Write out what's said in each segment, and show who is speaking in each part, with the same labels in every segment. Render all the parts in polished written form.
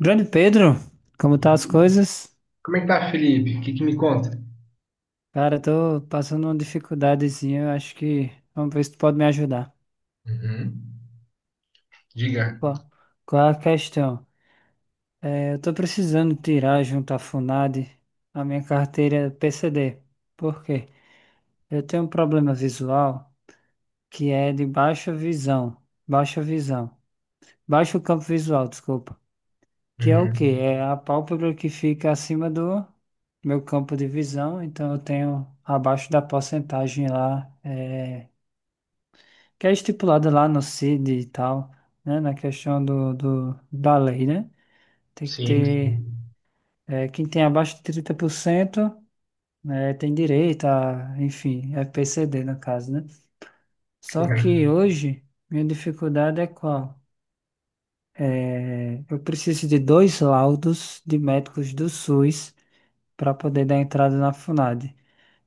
Speaker 1: Grande Pedro, como tá as
Speaker 2: Uhum.
Speaker 1: coisas?
Speaker 2: Como é que tá, Felipe? O que que me conta?
Speaker 1: Cara, tô passando uma dificuldadezinha, eu acho que vamos ver se tu pode me ajudar.
Speaker 2: Uhum. Diga.
Speaker 1: Qual, qual é a questão? Eu tô precisando tirar junto à FUNAD a minha carteira PCD. Por quê? Eu tenho um problema visual que é de baixa visão, baixo campo visual, desculpa. Que é o quê?
Speaker 2: Uhum.
Speaker 1: É a pálpebra que fica acima do meu campo de visão, então eu tenho abaixo da porcentagem lá que é estipulada lá no CID e tal, né, na questão da lei, né? Tem que
Speaker 2: Sim,
Speaker 1: ter,
Speaker 2: sim.
Speaker 1: quem tem abaixo de 30%, né, tem direito a, enfim, FPCD no caso, né? Só que
Speaker 2: Correto.
Speaker 1: hoje, minha dificuldade é qual? Eu preciso de dois laudos de médicos do SUS para poder dar entrada na FUNAD.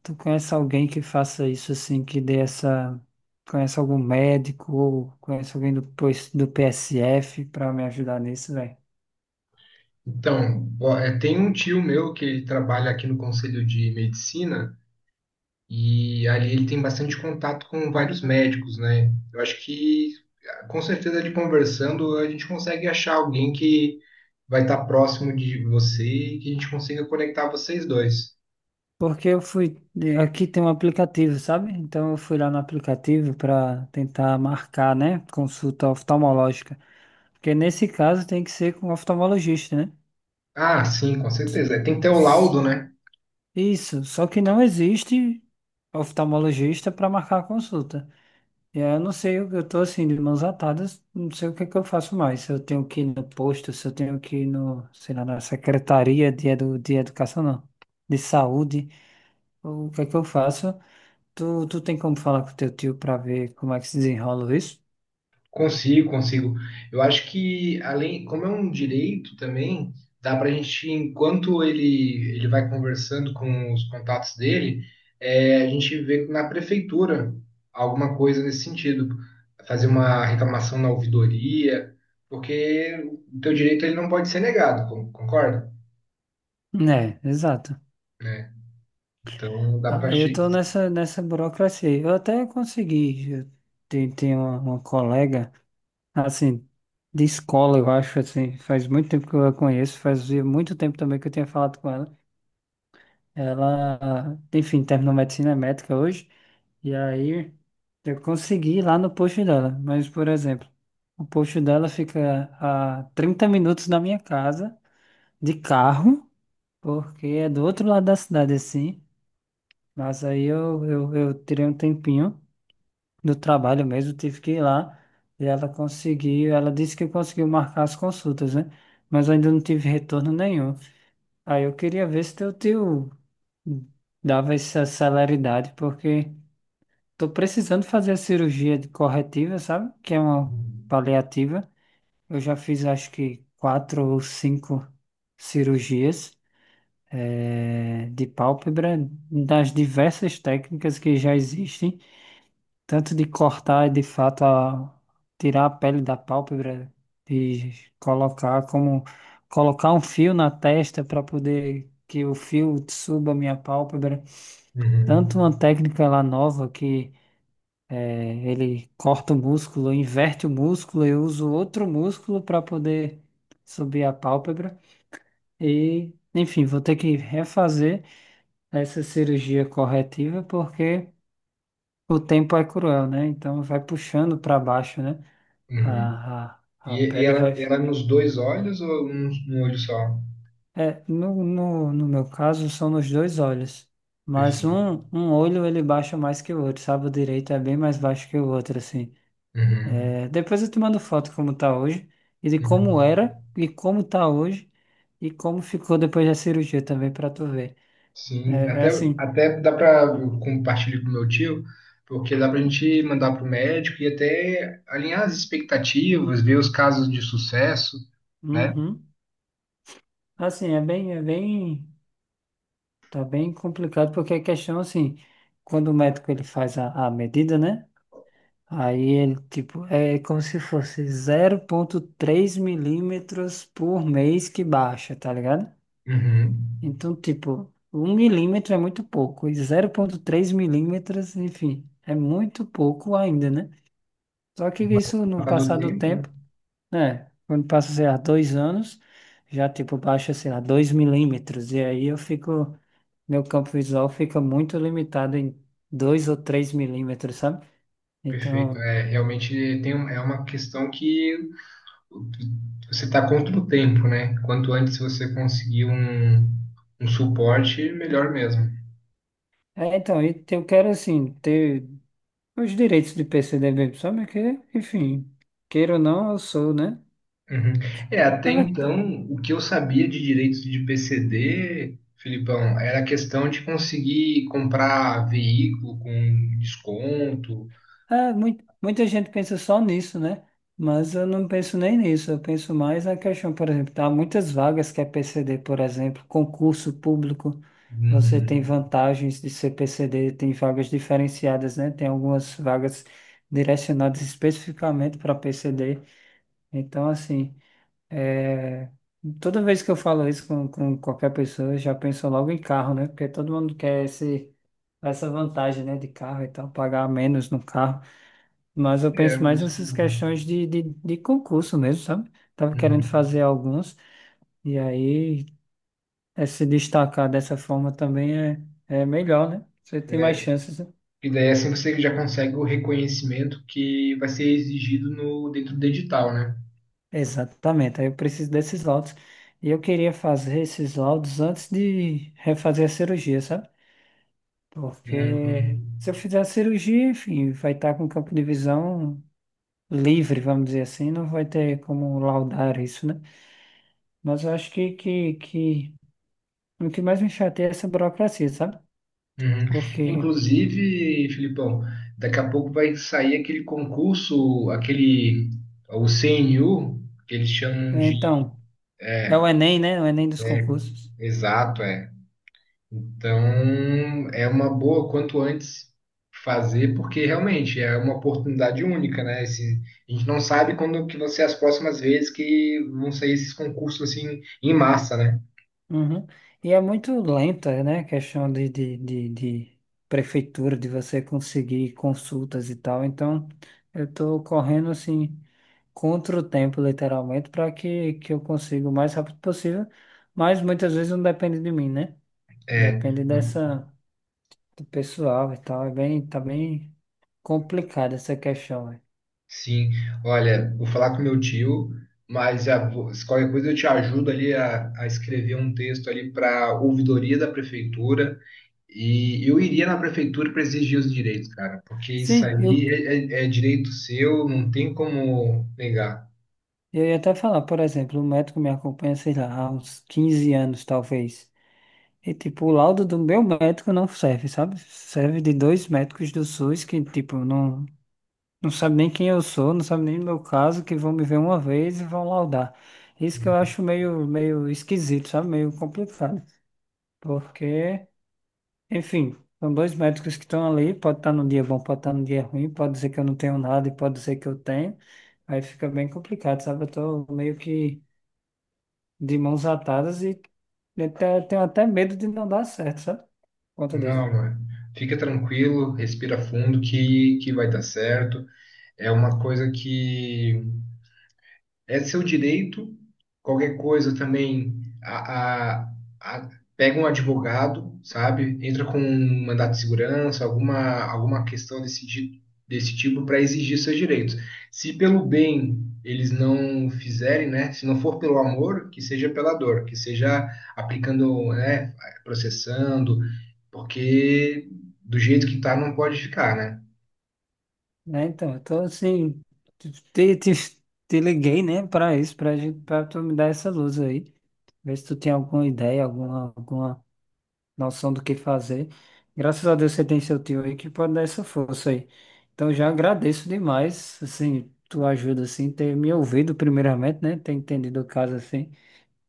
Speaker 1: Tu conhece alguém que faça isso assim, que dê essa. Conhece algum médico ou conhece alguém do PSF pra me ajudar nisso, velho?
Speaker 2: Então, ó, tem um tio meu que ele trabalha aqui no Conselho de Medicina e ali ele tem bastante contato com vários médicos, né? Eu acho que, com certeza, ele conversando, a gente consegue achar alguém que vai estar próximo de você e que a gente consiga conectar vocês dois.
Speaker 1: Porque eu fui. Aqui tem um aplicativo, sabe? Então eu fui lá no aplicativo pra tentar marcar, né? Consulta oftalmológica. Porque nesse caso tem que ser com um oftalmologista, né?
Speaker 2: Ah, sim, com certeza. Tem que ter o laudo, né?
Speaker 1: Isso. Só que não existe oftalmologista para marcar a consulta. Eu não sei, eu tô assim, de mãos atadas, não sei o que é que eu faço mais. Se eu tenho que ir no posto, se eu tenho que ir no, sei lá, na Secretaria de Educação, não, de Saúde, o que é que eu faço? Tu tem como falar com teu tio pra ver como é que se desenrola isso?
Speaker 2: Consigo, consigo. Eu acho que, além, como é um direito também, dá para a gente, enquanto ele vai conversando com os contatos dele, a gente vê na prefeitura alguma coisa nesse sentido, fazer uma reclamação na ouvidoria, porque o teu direito ele não pode ser negado, concorda?
Speaker 1: É, exato.
Speaker 2: Né? Então dá para.
Speaker 1: Ah, eu tô nessa burocracia. Eu até consegui, eu tenho uma colega, assim, de escola, eu acho, assim, faz muito tempo que eu a conheço, fazia muito tempo também que eu tinha falado com ela. Ela, enfim, terminou medicina médica hoje. E aí eu consegui ir lá no posto dela. Mas, por exemplo, o posto dela fica a 30 minutos da minha casa, de carro, porque é do outro lado da cidade, assim. Mas aí eu tirei um tempinho do trabalho mesmo, tive que ir lá. E ela conseguiu, ela disse que conseguiu marcar as consultas, né? Mas eu ainda não tive retorno nenhum. Aí eu queria ver se teu tio dava essa celeridade, porque tô precisando fazer a cirurgia de corretiva, sabe? Que é uma paliativa. Eu já fiz acho que quatro ou cinco cirurgias de pálpebra, das diversas técnicas que já existem, tanto de cortar de fato a, tirar a pele da pálpebra e colocar como colocar um fio na testa para poder que o fio suba a minha pálpebra,
Speaker 2: Uhum,
Speaker 1: tanto uma técnica lá nova que ele corta o músculo, inverte o músculo, eu uso outro músculo para poder subir a pálpebra. E, enfim, vou ter que refazer essa cirurgia corretiva porque o tempo é cruel, né? Então vai puxando para baixo, né?
Speaker 2: uhum.
Speaker 1: A, a
Speaker 2: E, e
Speaker 1: pele
Speaker 2: ela,
Speaker 1: vai.
Speaker 2: ela nos dois olhos ou num olho só?
Speaker 1: No meu caso, são nos dois olhos. Mas
Speaker 2: Perfeito.
Speaker 1: um olho ele baixa mais que o outro, sabe? O direito é bem mais baixo que o outro, assim.
Speaker 2: Uhum.
Speaker 1: Depois eu te mando foto como tá hoje, e de como
Speaker 2: Uhum.
Speaker 1: era, e como tá hoje, e como ficou depois da cirurgia também pra tu ver. É,
Speaker 2: Sim,
Speaker 1: é,
Speaker 2: até,
Speaker 1: assim.
Speaker 2: até dá para compartilhar com meu tio, porque dá para a gente mandar para o médico e até alinhar as expectativas, ver os casos de sucesso, né?
Speaker 1: Uhum. Assim, é bem, tá bem complicado, porque a questão, assim, quando o médico ele faz a medida, né? Aí ele, tipo, é como se fosse 0,3 milímetros por mês que baixa, tá ligado?
Speaker 2: Uhum.
Speaker 1: Então, tipo, 1 milímetro é muito pouco, e 0,3 milímetros, enfim, é muito pouco ainda, né? Só que
Speaker 2: Mas com o
Speaker 1: isso no
Speaker 2: passar do
Speaker 1: passar do
Speaker 2: tempo, né?
Speaker 1: tempo, né? Quando passa, sei lá, 2 anos, já tipo baixa, sei lá, 2 milímetros, e aí eu fico, meu campo visual fica muito limitado em 2 ou 3 milímetros, sabe?
Speaker 2: Perfeito.
Speaker 1: Então,
Speaker 2: É, realmente é uma questão que você está contra o tempo, né? Quanto antes você conseguir um suporte, melhor mesmo.
Speaker 1: então, e eu quero, assim, ter os direitos de PCDB, sabe? Que, enfim, queira ou não, eu sou, né?
Speaker 2: Uhum. É, até
Speaker 1: Na
Speaker 2: então, o que eu sabia de direitos de PCD, Filipão, era a questão de conseguir comprar veículo com desconto.
Speaker 1: muita gente pensa só nisso, né? Mas eu não penso nem nisso. Eu penso mais na questão, por exemplo, há muitas vagas que é PCD, por exemplo, concurso público. Você tem
Speaker 2: Uhum.
Speaker 1: vantagens de ser PCD, tem vagas diferenciadas, né? Tem algumas vagas direcionadas especificamente para PCD. Então, assim, é, toda vez que eu falo isso com qualquer pessoa, eu já penso logo em carro, né? Porque todo mundo quer essa vantagem, né, de carro e tal, pagar menos no carro. Mas eu
Speaker 2: É,
Speaker 1: penso mais
Speaker 2: mas.
Speaker 1: nessas questões de concurso mesmo, sabe? Tava querendo
Speaker 2: Uhum.
Speaker 1: fazer alguns, e aí se destacar dessa forma também é melhor, né? Você tem mais
Speaker 2: É,
Speaker 1: chances, né?
Speaker 2: e daí é assim você já consegue o reconhecimento que vai ser exigido no, dentro do edital, né?
Speaker 1: Exatamente, aí eu preciso desses laudos. E eu queria fazer esses laudos antes de refazer a cirurgia, sabe? Porque
Speaker 2: Uhum.
Speaker 1: se eu fizer a cirurgia, enfim, vai estar com o campo de visão livre, vamos dizer assim, não vai ter como laudar isso, né? Mas eu acho que o que mais me chateia é essa burocracia, sabe?
Speaker 2: Uhum.
Speaker 1: Porque,
Speaker 2: Inclusive, Filipão, daqui a pouco vai sair aquele concurso, aquele, o CNU, que eles chamam
Speaker 1: é,
Speaker 2: de
Speaker 1: então, é o Enem, né? O Enem dos concursos.
Speaker 2: Exato, é. Então, é uma boa quanto antes fazer, porque realmente é uma oportunidade única, né? A gente não sabe quando que vão ser as próximas vezes que vão sair esses concursos assim em massa, né?
Speaker 1: Uhum. E é muito lenta, né? A questão de prefeitura, de você conseguir consultas e tal. Então, eu tô correndo, assim, contra o tempo, literalmente, para que eu consiga o mais rápido possível. Mas muitas vezes não depende de mim, né?
Speaker 2: É,
Speaker 1: Depende dessa, do pessoal e tal. É bem, tá bem complicada essa questão, né?
Speaker 2: sim. Olha, vou falar com meu tio, mas se qualquer coisa eu te ajudo ali a escrever um texto ali para ouvidoria da prefeitura. E eu iria na prefeitura para exigir os direitos, cara, porque isso
Speaker 1: Sim, eu
Speaker 2: aí é direito seu, não tem como negar.
Speaker 1: Eu ia até falar, por exemplo, o médico me acompanha, sei lá, há uns 15 anos, talvez. E, tipo, o laudo do meu médico não serve, sabe? Serve de dois médicos do SUS que, tipo, não sabe nem quem eu sou, não sabe nem o meu caso, que vão me ver uma vez e vão laudar. Isso que eu acho meio, meio esquisito, sabe? Meio complicado. Porque, enfim, são dois médicos que estão ali, pode estar num dia bom, pode estar num dia ruim, pode ser que eu não tenho nada e pode ser que eu tenho. Aí fica bem complicado, sabe? Eu tô meio que de mãos atadas e tenho até medo de não dar certo, sabe? Por conta disso.
Speaker 2: Não, mano, fica tranquilo, respira fundo que vai dar certo. É uma coisa que é seu direito. Qualquer coisa também, a, a- a- pega um advogado, sabe? Entra com um mandato de segurança, alguma questão desse tipo para exigir seus direitos. Se pelo bem eles não fizerem, né? Se não for pelo amor, que seja pela dor, que seja aplicando, né? Processando, porque do jeito que tá não pode ficar, né?
Speaker 1: Né? Então, eu tô assim, te, te, te liguei, né, para isso, para tu me dar essa luz aí. Ver se tu tem alguma ideia, alguma noção do que fazer. Graças a Deus você tem seu tio aí que pode dar essa força aí. Então, já agradeço demais, assim, tua ajuda, assim, ter me ouvido primeiramente, né, ter entendido o caso, assim,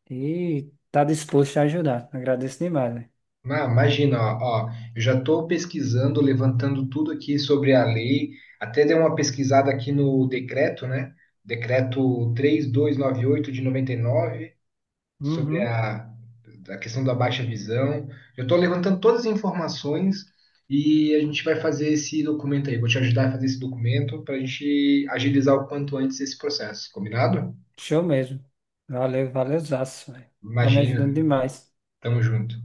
Speaker 1: e tá disposto a ajudar. Agradeço demais, né?
Speaker 2: Não, imagina, ó, ó, eu já estou pesquisando, levantando tudo aqui sobre a lei, até dei uma pesquisada aqui no decreto, né? Decreto 3.298 de 99 sobre
Speaker 1: Uhum.
Speaker 2: a questão da baixa visão. Eu estou levantando todas as informações e a gente vai fazer esse documento aí. Vou te ajudar a fazer esse documento para a gente agilizar o quanto antes esse processo, combinado?
Speaker 1: Show mesmo. Valeu, valeu, zaço, velho. Tá me
Speaker 2: Imagina,
Speaker 1: ajudando demais.
Speaker 2: tamo junto.